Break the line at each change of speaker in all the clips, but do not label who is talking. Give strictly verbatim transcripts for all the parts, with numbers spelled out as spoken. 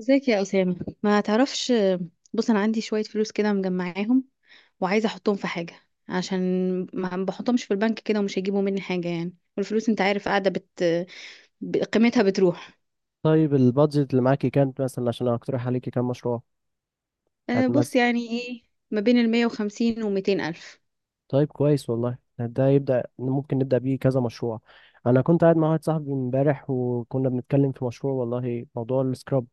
ازيك يا أسامة؟ ما تعرفش. بص، أنا عندي شوية فلوس كده مجمعاهم وعايزة أحطهم في حاجة عشان ما بحطهمش في البنك كده ومش هيجيبوا مني حاجة يعني، والفلوس أنت عارف قاعدة بت... ب- قيمتها بتروح.
طيب البادجت اللي معاكي كانت مثلا عشان اقترح عليكي كام مشروع
أه بص،
هتمثل.
يعني إيه؟ ما بين المية وخمسين وميتين ألف.
طيب كويس والله، ده يبدأ ممكن نبدأ بيه كذا مشروع. انا كنت قاعد مع واحد صاحبي امبارح وكنا بنتكلم في مشروع والله، موضوع السكراب.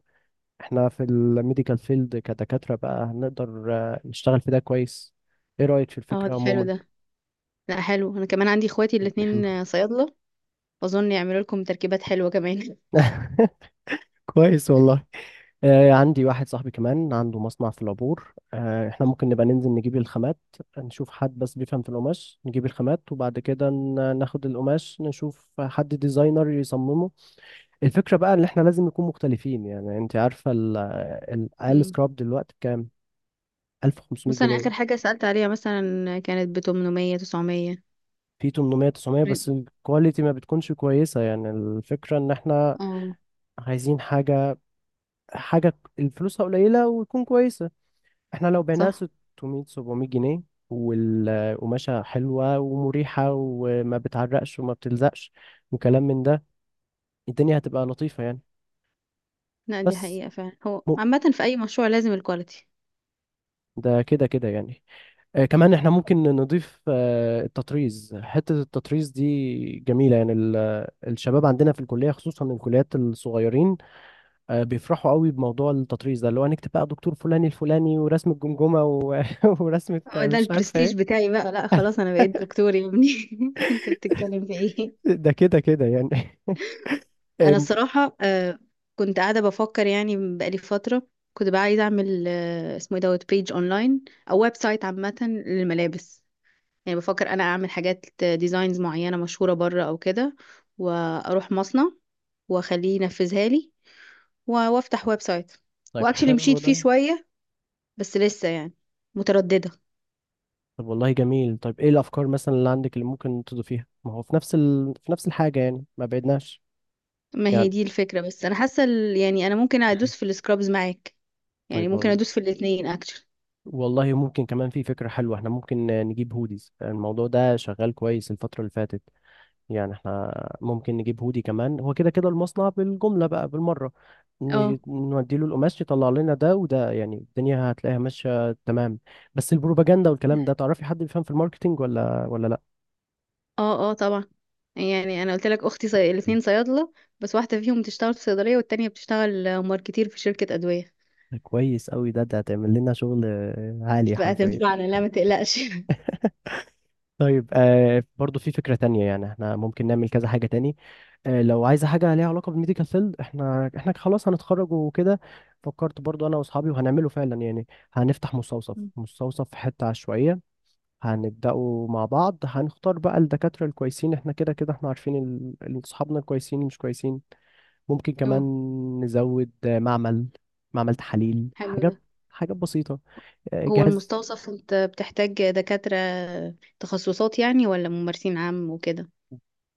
احنا في الميديكال فيلد كدكاترة بقى هنقدر آه، نشتغل في ده كويس. ايه رأيك في
اه
الفكرة
ده حلو
عموما؟
ده. لا حلو، أنا كمان عندي إخواتي الاتنين آه، صيادلة. أظن يعملوا لكم تركيبات حلوة كمان.
كويس والله. آه، عندي واحد صاحبي كمان عنده مصنع في العبور، آه، احنا ممكن نبقى ننزل نجيب الخامات. نشوف حد بس بيفهم في القماش نجيب الخامات وبعد كده ن- ناخد القماش نشوف حد ديزاينر يصممه. الفكرة بقى ان احنا لازم نكون مختلفين، يعني انت عارفة ال- الاقل
مم.
سكراب دلوقتي بكام؟ 1500
بص أنا
جنيه
آخر حاجة سألت عليها مثلا كانت بتمنمية تسعمية.
في تمنمية تسعمائة بس الكواليتي ما بتكونش كويسة، يعني الفكرة ان احنا
اه
عايزين حاجة، حاجة الفلوسها قليلة وتكون كويسة. احنا لو بعناها
صح.
ستمية سبعمية جنيه والقماشة حلوة ومريحة وما بتعرقش وما بتلزقش وكلام من ده، الدنيا هتبقى لطيفة يعني.
لا، دي
بس
حقيقة فعلا، هو
م-
عامة في أي مشروع لازم الكواليتي.
ده كده كده يعني. آه كمان احنا ممكن نضيف آه التطريز، حتة التطريز دي جميلة يعني ال- آه، الشباب عندنا في الكلية خصوصا الكليات الصغيرين آه بيفرحوا قوي بموضوع التطريز ده، اللي هو هنكتب بقى دكتور فلاني الفلاني ورسم الجمجمة و- ورسمة
هو ده
مش عارفة
البرستيج
ايه.
بتاعي بقى، لا خلاص أنا بقيت دكتور يا ابني. أنت بتتكلم في إيه؟
ده كده كده يعني. إيه،
أنا الصراحة آه كنت قاعدة بفكر يعني بقالي فترة. كنت بقى عايزة أعمل آه اسمه إيه دوت بيج أونلاين أو ويب سايت عامة للملابس. يعني بفكر أنا أعمل حاجات ديزاينز معينة مشهورة بره أو كده وأروح مصنع وأخليه ينفذها لي، و- وأفتح ويب سايت.
طيب
وأكشلي
حلو
مشيت فيه
ده.
شوية، بس لسه يعني مترددة.
طب والله جميل. طيب ايه الافكار مثلا اللي عندك اللي ممكن تضيفيها، ما هو في نفس ال... في نفس الحاجه يعني، ما بعدناش
ما هي
يعني.
دي الفكرة، بس انا حاسة ال- يعني انا ممكن ادوس في السكرابز معاك. يعني
طيب
ممكن
وال-
ادوس في الاتنين اكشن.
والله ممكن كمان في فكره حلوه، احنا ممكن نجيب هوديز. الموضوع ده شغال كويس الفتره اللي فاتت، يعني احنا ممكن نجيب هودي كمان. هو كده كده المصنع بالجمله بقى بالمره، ن-
اه
نودي له القماش يطلع لنا ده وده، يعني الدنيا هتلاقيها ماشيه تمام. بس البروباجندا والكلام ده، تعرفي حد بيفهم في الماركتينج ولا ولا لا؟
اه، اه طبعا. يعني انا قلت لك اختي صي... الاتنين صيادلة، بس واحدة فيهم بتشتغل في صيدلية والتانية بتشتغل ماركتير في شركة ادوية.
كويس قوي ده، ده هتعمل لنا شغل آه، عالي حرفيا.
فهتنفعنا، لا ما تقلقش.
طيب آه برضو في فكرة تانية، يعني احنا ممكن نعمل كذا حاجة تاني. آه لو عايزة حاجة ليها علاقة بالميديكال فيلد، احنا احنا خلاص هنتخرج وكده. فكرت برضو انا واصحابي وهنعمله فعلا يعني، هنفتح مستوصف، مستوصف في حتة عشوائية. هنبدأه مع بعض، هنختار بقى الدكاترة الكويسين. احنا كده كده احنا عارفين ال- ال- اصحابنا الكويسين مش كويسين. ممكن كمان
اه
نزود آه، معمل، معمل تحاليل،
حلو ده.
حاجات، حاجات بسيطة، آه،
هو
جهاز.
المستوصف انت بتحتاج دكاترة تخصصات يعني ولا ممارسين عام وكده؟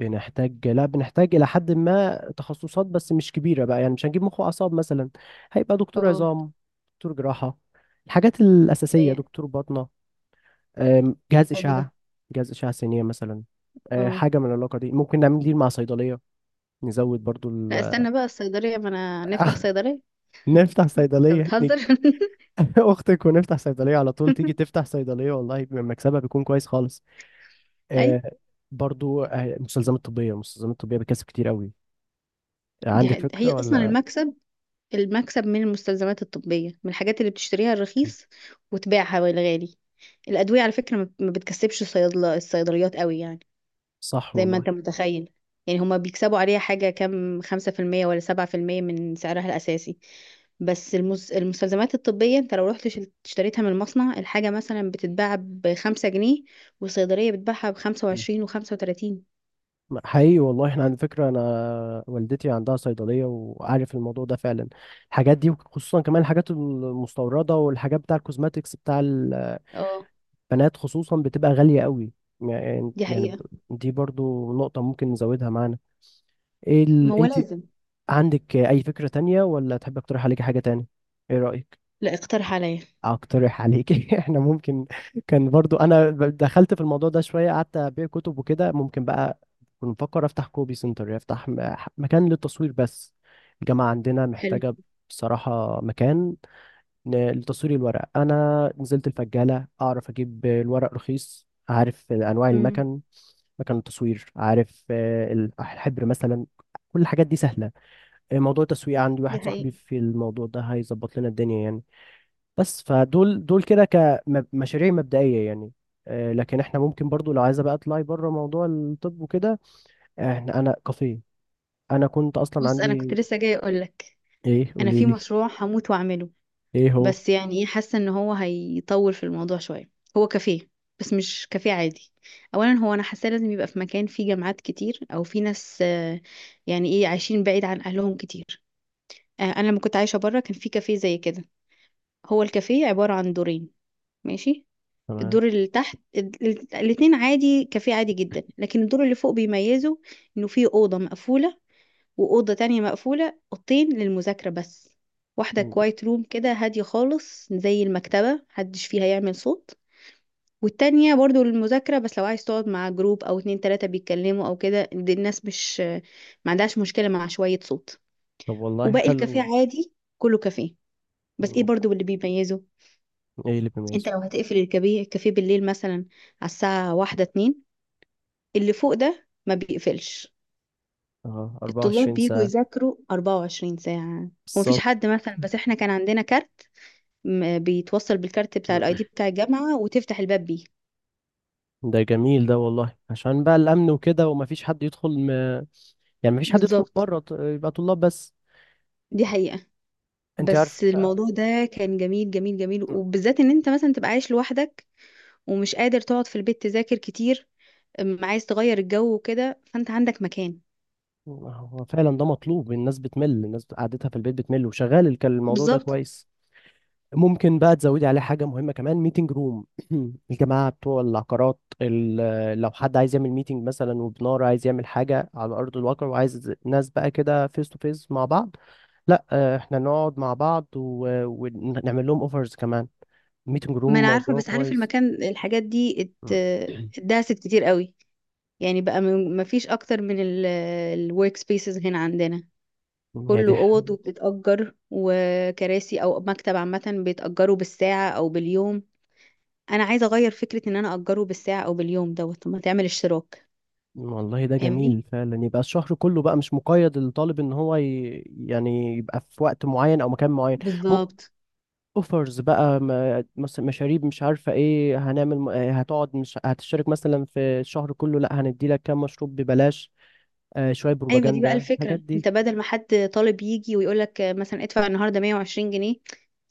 بنحتاج، لا بنحتاج إلى حد ما تخصصات، بس مش كبيرة بقى. يعني مش هنجيب مخ وأعصاب مثلا. هيبقى دكتور
اه،
عظام، دكتور جراحة، الحاجات الأساسية،
هي-
دكتور باطنة، آم، جهاز
حلو ده.
إشعة، جهاز إشعة سينية مثلا. آه،
اه
حاجة من العلاقة دي ممكن نعمل دي مع صيدلية. نزود برضو
لا
ال...
استنى بقى، الصيدلية ما انا نفتح
أخ،
صيدلية.
نفتح
انت
صيدلية،
بتهزر.
نيجي أختك ونفتح صيدلية على طول، تيجي تفتح صيدلية والله مكسبها بيكون كويس خالص.
اي،
آه، برضو آه، المستلزمات الطبية، المستلزمات الطبية بتكسب كتير قوي.
دي
عندك
ه- هي
فكرة
اصلا
ولا؟
المكسب. المكسب من المستلزمات الطبيه، من الحاجات اللي بتشتريها الرخيص وتبيعها بالغالي. الادويه على فكره ما ما بتكسبش الصيادله الصيدليات قوي يعني،
صح
زي ما
والله.
انت متخيل. يعني هما بيكسبوا عليها حاجه كام، خمسة في المية ولا سبعة في المية من سعرها الاساسي؟ بس المس... المستلزمات الطبيه انت لو رحت شل- اشتريتها من المصنع، الحاجه مثلا بتتباع بخمسة جنيه والصيدليه بتباعها بخمسة
مم.
وعشرين وخمسة وتلاتين
حقيقي والله، احنا على فكرة انا والدتي عندها صيدلية وعارف الموضوع ده فعلا. الحاجات دي وخصوصا كمان الحاجات المستوردة والحاجات بتاع الكوزماتيكس بتاع البنات،
اه
خصوصا بتبقى غالية قوي. يعني
دي
يعني ب-
حقيقه.
دي برضو نقطة ممكن نزودها معانا. ايه
ما
ال...
هو
انت
لازم.
عندك اي فكرة تانية ولا تحب اقترح عليك حاجة تانية؟ ايه رأيك؟
لا، اقترح عليا.
اقترح عليك؟ احنا ممكن، كان برضو انا ب- دخلت في الموضوع ده شويه، قعدت ابيع كتب وكده ممكن بقى. كنت بفكر افتح كوبي سنتر، افتح م- مكان للتصوير بس، الجامعه عندنا
حلو.
محتاجه بصراحه مكان ن- لتصوير الورق. انا نزلت الفجاله اعرف اجيب الورق رخيص، عارف انواع
مم.
المكن، مكن التصوير، عارف آه، ال- الحبر مثلا. كل الحاجات دي سهله. موضوع التسويق عندي
دي
واحد صاحبي
حقيقة.
في الموضوع ده هيظبط لنا الدنيا يعني. بس فدول دول كده كمشاريع مبدئية يعني. آه، لكن احنا ممكن برضو لو عايزة بقى اطلعي بره موضوع الطب وكده. احنا، انا كافيه، انا كنت اصلا
بص انا كنت
عندي.
لسه جايه اقول لك،
ايه
انا
قولي
في
لي،
مشروع هموت واعمله،
ايه هو؟
بس يعني ايه، حاسه ان هو هيطول في الموضوع شويه. هو كافيه بس مش كافيه عادي. اولا هو انا حاسه لازم يبقى في مكان فيه جامعات كتير او في ناس آه، يعني ايه، عايشين بعيد عن اهلهم كتير. آه، انا لما كنت عايشه بره كان في كافيه زي كده. هو الكافيه عباره عن دورين، ماشي.
تمام.
الدور اللي تحت ال- ال- الاتنين عادي، كافيه عادي جدا، لكن الدور اللي فوق بيميزه انه فيه اوضه مقفوله وأوضة تانية مقفولة، أوضتين للمذاكرة بس. واحدة
م-
كوايت روم كده هادية خالص زي المكتبة، محدش فيها يعمل صوت، والتانية برضو للمذاكرة بس لو عايز تقعد مع جروب أو اتنين تلاتة بيتكلموا أو كده. دي الناس مش، ما عندهاش مشكلة مع شوية صوت.
طب والله
وباقي الكافيه
حلو.
عادي، كله كافيه. بس ايه
م-
برضو اللي بيميزه؟
ايه اللي
انت
بيميزه؟
لو هتقفل الكافيه الكافيه بالليل مثلا على الساعة واحدة اتنين، اللي فوق ده ما بيقفلش.
اه،
الطلاب
أربعة وعشرين
بيجوا
ساعة.
يذاكروا 24 ساعة، ومفيش
بالظبط.
حد مثلا، بس احنا كان عندنا كارت م- بيتوصل بالكارت بتاع الاي
م-
دي بتاع الجامعة وتفتح الباب بيه.
ده جميل ده والله، عشان بقى الامن وكده ومفيش حد يدخل م... يعني مفيش حد يدخل
بالظبط،
بره، ط- يبقى طلاب بس.
دي حقيقة.
انت عارف،
بس الموضوع ده كان جميل جميل جميل، وبالذات ان انت مثلا تبقى عايش لوحدك ومش قادر تقعد في البيت تذاكر كتير، أم، عايز تغير الجو وكده، فانت عندك مكان.
هو فعلا ده مطلوب. الناس بتمل، الناس قعدتها في البيت بتمل، وشغال الك- الموضوع ده
بالظبط.
كويس. ممكن بقى تزودي عليه حاجة مهمة كمان، ميتنج روم. الجماعة بتوع العقارات ال- لو حد عايز يعمل ميتنج مثلا، وبنار عايز يعمل حاجة على أرض الواقع وعايز ناس بقى كده فيس تو فيس مع بعض. لا آه، احنا نقعد مع بعض و- ونعمل لهم اوفرز كمان. ميتنج
ما
روم
انا عارفة،
موضوع
بس عارف
كويس.
المكان، الحاجات دي ات... اتداست كتير قوي. يعني بقى ما فيش اكتر من الورك سبيسز هنا عندنا،
هي
كله
دي.
اوض وبتتأجر، وكراسي او مكتب عامة بيتأجروا بالساعة او باليوم. انا عايزه اغير فكره ان انا اجره بالساعه او باليوم دوت، طب ما تعمل اشتراك.
والله ده
فاهمني؟
جميل فعلا، يبقى الشهر كله بقى مش مقيد للطالب ان هو ي... يعني يبقى في وقت معين او مكان معين. ممكن
بالظبط.
اوفرز بقى، م- مس- مشاريب مش عارفه ايه، هنعمل م- آه، هتقعد مش هتشترك مثلا في الشهر كله، لا هندي لك كام مشروب ببلاش. آه شويه
ايوه دي بقى
بروباجندا الحاجات
الفكره،
دي.
انت بدل ما حد طالب يجي ويقول لك مثلا ادفع النهارده مية وعشرين جنيه،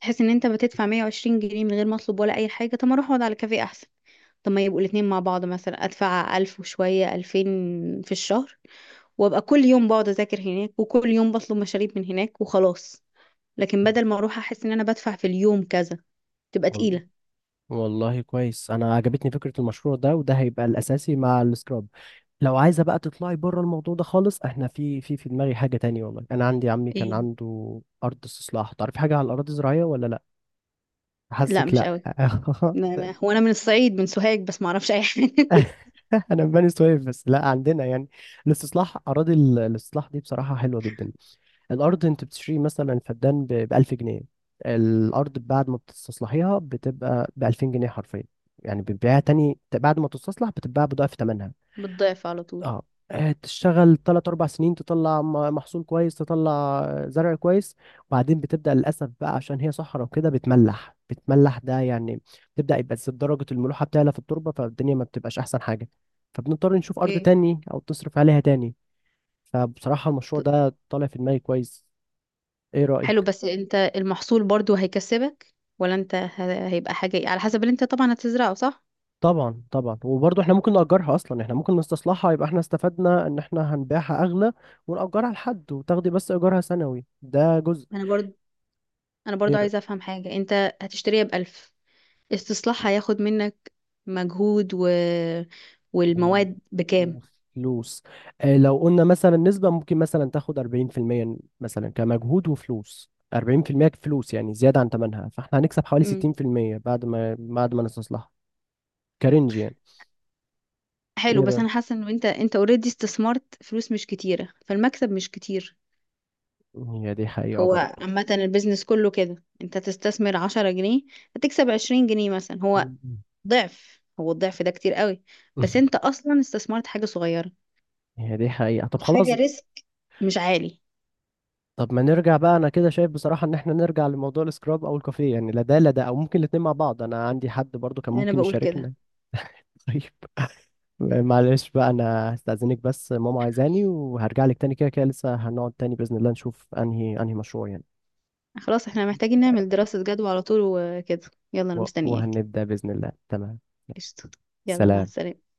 تحس ان انت بتدفع مية وعشرين جنيه من غير ما اطلب ولا اي حاجه. طب ما اروح اقعد على كافيه احسن. طب ما يبقوا الاتنين مع بعض، مثلا ادفع ألف وشويه ألفين في الشهر، وابقى كل يوم بقعد اذاكر هناك وكل يوم بطلب مشاريب من هناك وخلاص. لكن بدل ما اروح احس ان انا بدفع في اليوم كذا تبقى
وال-
تقيله.
والله كويس، انا عجبتني فكره المشروع ده، وده هيبقى الاساسي مع السكراب. لو عايزه بقى تطلعي بره الموضوع ده خالص، احنا في في في دماغي حاجه تانية. والله انا عندي عمي كان
ايه؟
عنده ارض استصلاح. تعرفي حاجه على الاراضي الزراعيه ولا لا؟
لا
حاسك
مش
لا.
قوي. لا لا، هو انا من الصعيد من سوهاج، بس ما اعرفش اي حاجه.
انا من بني سويف. بس لا عندنا يعني الاستصلاح، اراضي ال- الاستصلاح دي بصراحه حلوه جدا. الارض انت بتشتري مثلا فدان ب ألف جنيه، الارض بعد ما بتستصلحيها بتبقى ب ألفين جنيه حرفيا. يعني بتبيعها تاني بعد ما تستصلح بتتباع بضعف ثمنها.
بتضيف على طول.
اه. آه، تشتغل تلات أربع سنين تطلع م- محصول كويس، تطلع زرع كويس. وبعدين بتبدأ للأسف بقى، عشان هي صحراء وكده بتملح، بتملح ده يعني، بتبدأ يبقى س- درجة الملوحة بتعلى في التربة، فالدنيا ما بتبقاش أحسن حاجة. فبنضطر نشوف أرض
اوكي.
تاني أو تصرف عليها تاني. فبصراحة المشروع
ط-
ده طالع في دماغي كويس. إيه
حلو،
رأيك؟
بس انت المحصول برضو هيكسبك ولا انت، ه- هيبقى حاجه إيه؟ على حسب اللي انت طبعا هتزرعه، صح.
طبعا طبعا، وبرضه احنا ممكن نأجرها. أصلا احنا ممكن نستصلحها يبقى احنا استفدنا إن احنا هنبيعها أغلى، ونأجرها لحد وتاخدي بس إيجارها سنوي ده جزء.
انا برضو انا برضو
ايه؟
عايزه افهم حاجه، انت هتشتريها بألف، استصلاحها هياخد منك مجهود و...
و-
والمواد بكام؟
وفلوس. آه، لو قلنا مثلا نسبة ممكن مثلا تاخد أربعين في المية مثلا كمجهود، وفلوس أربعين في المية فلوس يعني زيادة عن تمنها، فاحنا هنكسب حوالي
مم.
ستين في المية بعد ما بعد ما نستصلحها. كرنج يعني.
حلو،
ايه
بس
رأيك؟
انا حاسه ان انت انت اوريدي استثمرت فلوس مش كتيره فالمكسب مش كتير.
هي دي حقيقة
هو
برضه.
عامة البيزنس كله كده، انت تستثمر عشرة جنيه هتكسب عشرين جنيه مثلا، هو
مم.
ضعف. هو الضعف ده كتير قوي، بس انت اصلا استثمرت حاجة صغيرة
هي دي حقيقة، طب خلاص.
وحاجة ريسك مش عالي.
طب ما نرجع بقى، انا كده شايف بصراحة ان احنا نرجع لموضوع السكراب او الكافيه، يعني لا ده لا ده، او ممكن الاتنين مع بعض. انا عندي حد برضه كان
انا
ممكن
بقول كده.
يشاركنا. طيب، معلش بقى انا هستأذنك بس ماما عايزاني، وهرجع لك تاني، كده كده لسه هنقعد تاني بإذن الله نشوف انهي انهي مشروع يعني.
خلاص، احنا محتاجين نعمل دراسة جدوى على طول وكده. يلا انا
و-
مستنياك.
وهنبدأ بإذن الله. تمام.
قشطة. يلا مع
سلام.
السلامة.